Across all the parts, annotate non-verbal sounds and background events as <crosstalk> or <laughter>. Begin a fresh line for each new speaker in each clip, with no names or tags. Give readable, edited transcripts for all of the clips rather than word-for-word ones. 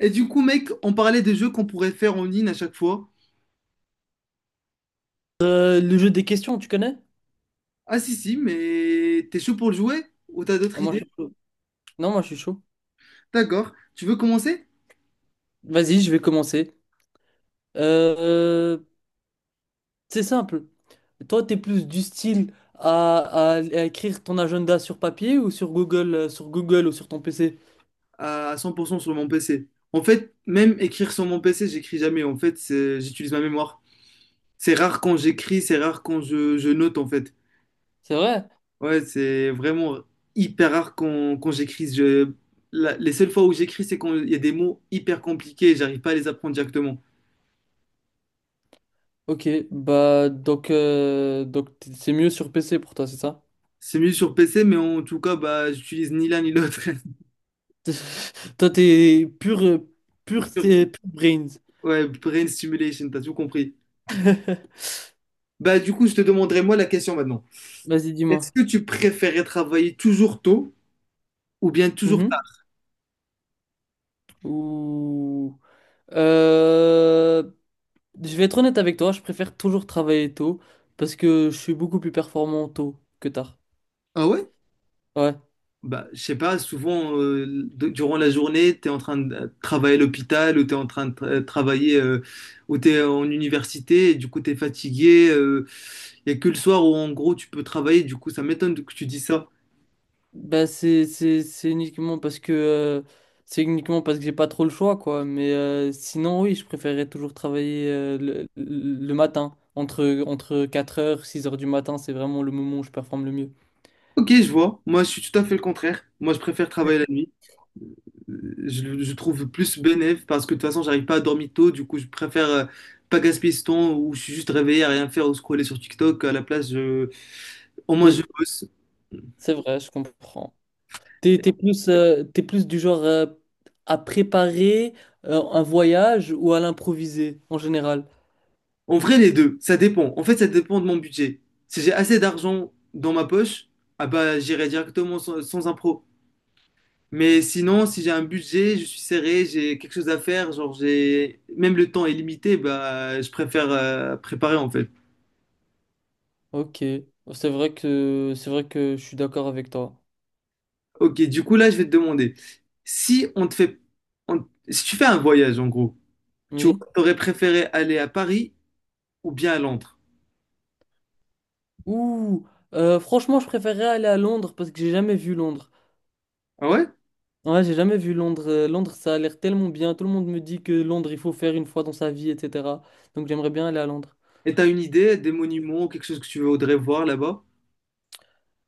Et du coup, mec, on parlait des jeux qu'on pourrait faire en ligne à chaque fois.
Le jeu des questions, tu connais?
Ah si, si, mais t'es chaud pour le jouer? Ou t'as d'autres
Ah, moi, je
idées?
suis chaud. Non, moi je suis chaud.
D'accord. Tu veux commencer?
Vas-y, je vais commencer. Euh, c'est simple. Toi, t'es plus du style à, à écrire ton agenda sur papier ou sur Google ou sur ton PC?
À 100% sur mon PC. En fait, même écrire sur mon PC, j'écris jamais. En fait, j'utilise ma mémoire. C'est rare quand j'écris, c'est rare quand je note, en fait.
C'est vrai?
Ouais, c'est vraiment hyper rare quand, quand j'écris. Les seules fois où j'écris, c'est quand il y a des mots hyper compliqués et j'arrive pas à les apprendre directement.
Ok, bah donc c'est mieux sur PC pour toi, c'est ça?
C'est mieux sur PC, mais en tout cas, bah, j'utilise ni l'un ni l'autre.
<laughs> Toi, t'es pur, pur,
<laughs>
c'est pur brains.
Ouais, brain stimulation, t'as tout compris.
<laughs>
Bah, du coup, je te demanderai moi la question maintenant.
Vas-y,
Est-ce
dis-moi.
que tu préférais travailler toujours tôt ou bien toujours
Mhm.
tard?
Ou... Euh, Je vais être honnête avec toi, je préfère toujours travailler tôt parce que je suis beaucoup plus performant tôt que tard.
Ah ouais?
Ouais.
Bah, je sais pas, souvent, durant la journée, t'es en train de travailler à l'hôpital ou t'es en train de travailler ou t'es en université et du coup, t'es fatigué. Il y a que le soir où, en gros, tu peux travailler. Du coup, ça m'étonne que tu dis ça.
Bah c'est uniquement parce que c'est uniquement parce que j'ai pas trop le choix quoi, mais sinon oui, je préférerais toujours travailler le matin entre quatre heures six heures du matin, c'est vraiment le moment où je performe le mieux.
Ok, je vois. Moi, je suis tout à fait le contraire. Moi, je préfère travailler la nuit. Je trouve plus bénéf parce que de toute façon, j'arrive pas à dormir tôt. Du coup, je préfère pas gaspiller ce temps où je suis juste réveillé à rien faire ou scroller sur TikTok. À la place, je... au moins, je
Et
bosse.
c'est vrai, je comprends. T'es plus t'es plus du genre à préparer un voyage ou à l'improviser en général?
En vrai, les deux, ça dépend. En fait, ça dépend de mon budget. Si j'ai assez d'argent dans ma poche, ah bah, j'irai directement sans, sans impro. Mais sinon, si j'ai un budget, je suis serré, j'ai quelque chose à faire, genre j'ai même le temps est limité, bah, je préfère préparer en fait.
Ok, c'est vrai que je suis d'accord avec toi.
Ok, du coup, là, je vais te demander, si on te fait, si tu fais un voyage, en gros, tu
Oui.
aurais préféré aller à Paris ou bien à Londres?
Ouh, franchement, je préférerais aller à Londres parce que j'ai jamais vu Londres.
Ah ouais?
Ouais, j'ai jamais vu Londres. Londres, ça a l'air tellement bien. Tout le monde me dit que Londres, il faut faire une fois dans sa vie, etc. Donc j'aimerais bien aller à Londres.
Et t'as une idée des monuments, quelque chose que tu voudrais voir là-bas?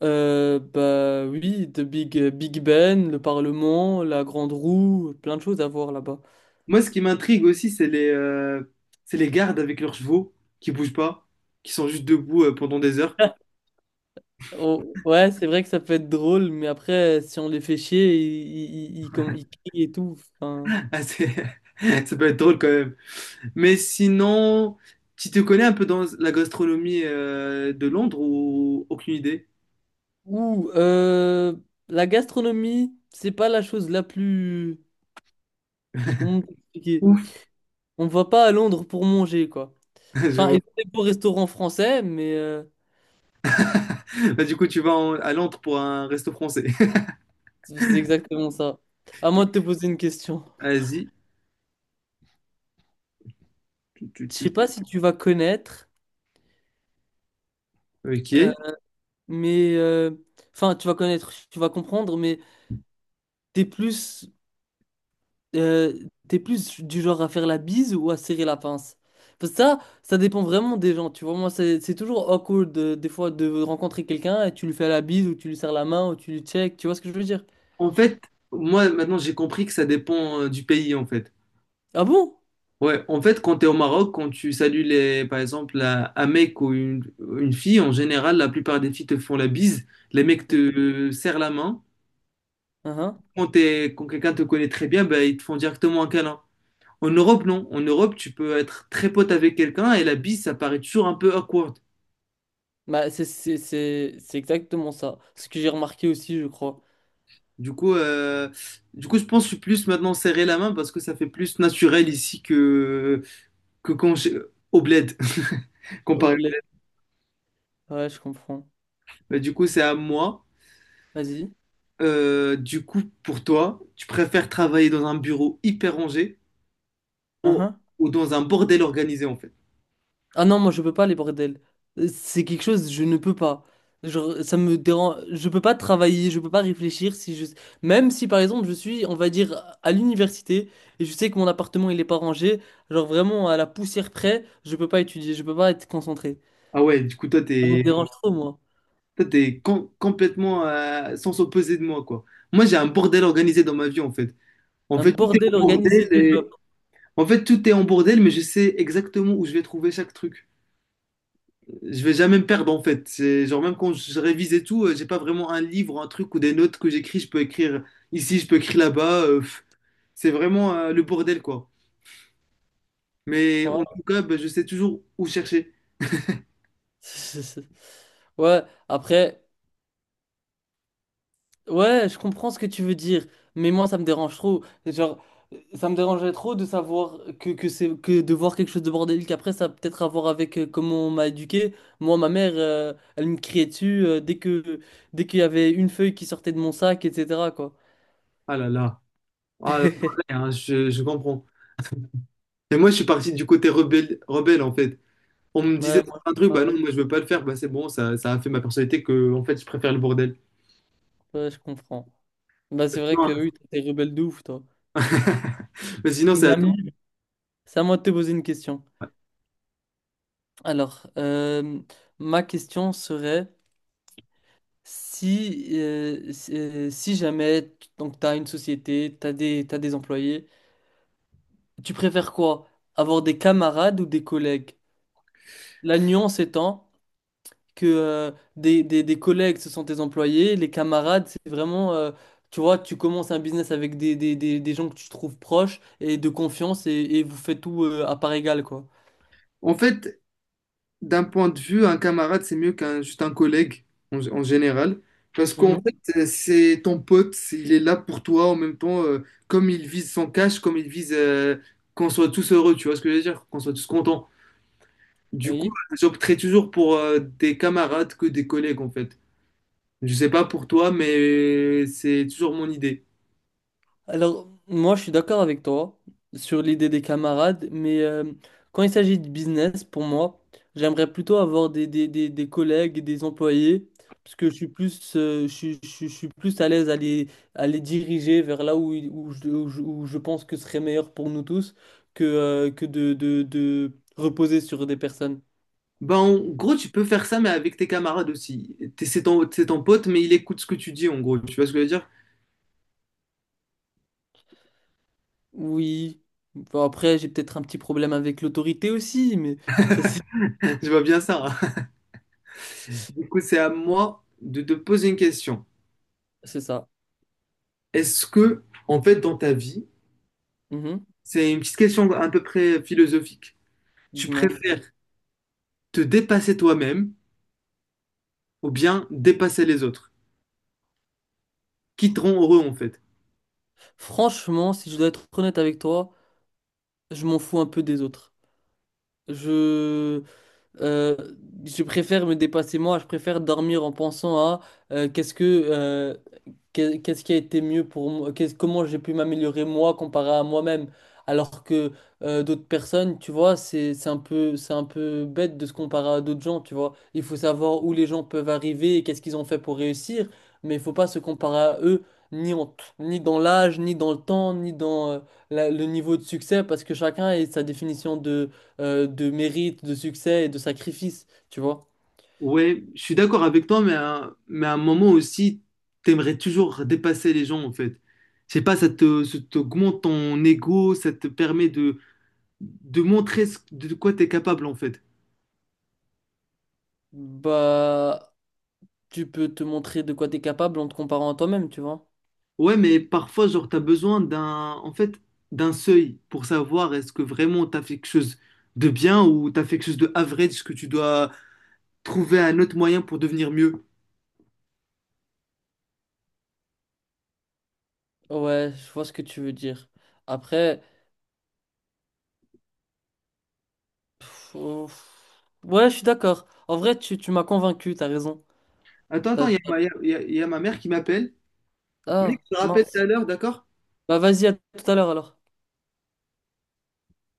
Bah oui, de Big Ben, le Parlement, la Grande Roue, plein de choses à voir là-bas.
Moi, ce qui m'intrigue aussi, c'est les gardes avec leurs chevaux qui bougent pas, qui sont juste debout pendant des heures.
<laughs> Oh, ouais, c'est vrai que ça peut être drôle, mais après, si on les fait chier, ils crient et tout. Enfin,
<laughs> Ah, <laughs> ça peut être drôle quand même. Mais sinon, tu te connais un peu dans la gastronomie de Londres ou aucune idée?
Ou la gastronomie, c'est pas la chose la plus... Comment t'expliquer?
Ouf,
On va pas à Londres pour manger, quoi.
<laughs> je
Enfin, il y
vois.
a des beaux restaurants français, mais
<laughs> Bah, du coup, tu vas à Londres pour un resto français. <laughs>
c'est exactement ça. À moi de te poser une question.
Asie. Tu, tu,
Je
tu.
sais pas si tu vas connaître, euh,
Ok.
mais... enfin, tu vas connaître, tu vas comprendre, mais t'es plus Euh, t'es plus du genre à faire la bise ou à serrer la pince? Parce que ça dépend vraiment des gens, tu vois. Moi, c'est toujours awkward des fois de rencontrer quelqu'un et tu lui fais la bise ou tu lui serres la main ou tu lui check, tu vois ce que je veux dire?
En fait, moi, maintenant, j'ai compris que ça dépend du pays, en fait.
Ah bon?
Ouais, en fait, quand tu es au Maroc, quand tu salues, les, par exemple, un mec ou une fille, en général, la plupart des filles te font la bise. Les mecs te serrent la main.
Uhum.
Quand, quand quelqu'un te connaît très bien, bah, ils te font directement un câlin. En Europe, non. En Europe, tu peux être très pote avec quelqu'un et la bise, ça paraît toujours un peu awkward.
Bah, c'est exactement ça. Ce que j'ai remarqué aussi, je crois.
Du coup, je pense que je suis plus maintenant serrer la main parce que ça fait plus naturel ici que au bled, <laughs>
Au
comparé.
bled. Ouais, je comprends.
Mais du coup, c'est à moi.
Vas-y.
Du coup, pour toi, tu préfères travailler dans un bureau hyper rangé ou, ou dans un bordel organisé en fait?
Ah non, moi je peux pas les bordels. C'est quelque chose, je ne peux pas. Genre, ça me dérange. Je peux pas travailler, je peux pas réfléchir si je. Même si par exemple je suis, on va dire, à l'université et je sais que mon appartement il est pas rangé, genre vraiment à la poussière près, je peux pas étudier, je peux pas être concentré.
Ah ouais, du coup, toi,
Ça me
t'es,
dérange trop, moi.
toi, t'es com- complètement sans s'opposer de moi, quoi. Moi, j'ai un bordel organisé dans ma vie en fait. En
Un
fait, tout est
bordel
en bordel
organisé
et-
développe.
En fait, tout est en bordel, mais je sais exactement où je vais trouver chaque truc. Je vais jamais me perdre en fait. C'est genre même quand je révise et tout, j'ai pas vraiment un livre, un truc ou des notes que j'écris. Je peux écrire ici, je peux écrire là-bas. C'est vraiment le bordel quoi. Mais en
Voilà.
tout cas, bah, je sais toujours où chercher.
<laughs> Ouais, après. Ouais, je comprends ce que tu veux dire, mais moi ça me dérange trop. Genre, ça me dérangerait trop de savoir que c'est que de voir quelque chose de bordélique après, ça a peut-être à voir avec comment on m'a éduqué. Moi, ma mère, elle me criait dessus dès qu'il y avait une feuille qui sortait de mon sac, etc. quoi.
Ah là là. Ah là
<laughs>
là, hein, je comprends. <laughs> Et moi, je suis parti du côté rebelle, rebelle en fait. On me disait
Ouais, moi,
un truc, bah
euh,
non, moi je veux pas le faire, bah c'est bon, ça a fait ma personnalité que en fait je préfère le bordel.
ouais, je comprends. Bah, c'est vrai
Non,
que oui, toi, t'es rebelle de ouf, toi.
<laughs> mais sinon, c'est
Une
à toi.
amie. C'est à moi de te poser une question. Alors, ma question serait. Si, si jamais donc t'as une société, t'as t'as des employés, tu préfères quoi? Avoir des camarades ou des collègues? La nuance étant que des collègues, ce sont tes employés, les camarades, c'est vraiment, tu vois, tu commences un business avec des gens que tu trouves proches et de confiance et vous faites tout à part égale, quoi.
En fait, d'un point de vue, un camarade, c'est mieux qu'un juste un collègue en général. Parce qu'en fait,
Mhm.
c'est ton pote, il est là pour toi en même temps, comme il vise son cash, comme il vise qu'on soit tous heureux, tu vois ce que je veux dire? Qu'on soit tous contents. Du coup,
Oui.
j'opterais toujours pour des camarades que des collègues en fait. Je sais pas pour toi, mais c'est toujours mon idée.
Alors, moi, je suis d'accord avec toi sur l'idée des camarades, mais quand il s'agit de business, pour moi, j'aimerais plutôt avoir des collègues, et des employés, parce que je suis plus, je suis plus à l'aise à les diriger vers là où, où, où où je pense que ce serait meilleur pour nous tous que de reposer sur des personnes.
Ben, en gros, tu peux faire ça, mais avec tes camarades aussi. C'est c'est ton pote, mais il écoute ce que tu dis, en gros. Tu vois ce que je veux dire?
Oui, bon, après, j'ai peut-être un petit problème avec l'autorité aussi, mais ça, c'est
<laughs> Je vois bien ça. Du coup,
<laughs>
c'est à moi de te poser une question.
c'est ça.
Est-ce que, en fait, dans ta vie,
Mhm.
c'est une petite question à peu près philosophique. Tu
Dis-moi.
préfères te dépasser toi-même ou bien dépasser les autres, qui te rend heureux, en fait.
Franchement, si je dois être honnête avec toi, je m'en fous un peu des autres. Je... Euh, je préfère me dépasser moi, je préfère dormir en pensant à euh, qu'est-ce que euh, qu'est-ce qui a été mieux pour moi, comment j'ai pu m'améliorer moi comparé à moi-même, alors que d'autres personnes, tu vois, c'est un peu bête de se comparer à d'autres gens, tu vois. Il faut savoir où les gens peuvent arriver et qu'est-ce qu'ils ont fait pour réussir, mais il faut pas se comparer à eux ni dans l'âge, ni dans le temps, ni dans le niveau de succès, parce que chacun a sa définition de mérite, de succès et de sacrifice, tu vois.
Ouais, je suis d'accord avec toi, mais à un moment aussi, t'aimerais toujours dépasser les gens, en fait. Je sais pas, ça t'augmente ton ego, ça te permet de montrer de quoi t'es capable, en fait.
Bah, tu peux te montrer de quoi t'es capable en te comparant à toi-même, tu vois.
Ouais, mais parfois, genre, t'as besoin d'un, en fait, d'un seuil pour savoir est-ce que vraiment t'as fait quelque chose de bien ou t'as fait quelque chose de average que tu dois trouver un autre moyen pour devenir mieux.
Ouais, je vois ce que tu veux dire. Après, ouais, je suis d'accord. En vrai, tu m'as convaincu, t'as raison.
Attends, attends,
T'as- t'as-
il y a ma mère qui m'appelle. Mec,
Ah,
je te rappelle tout
mince.
à l'heure, d'accord?
Bah, vas-y, à tout à l'heure alors.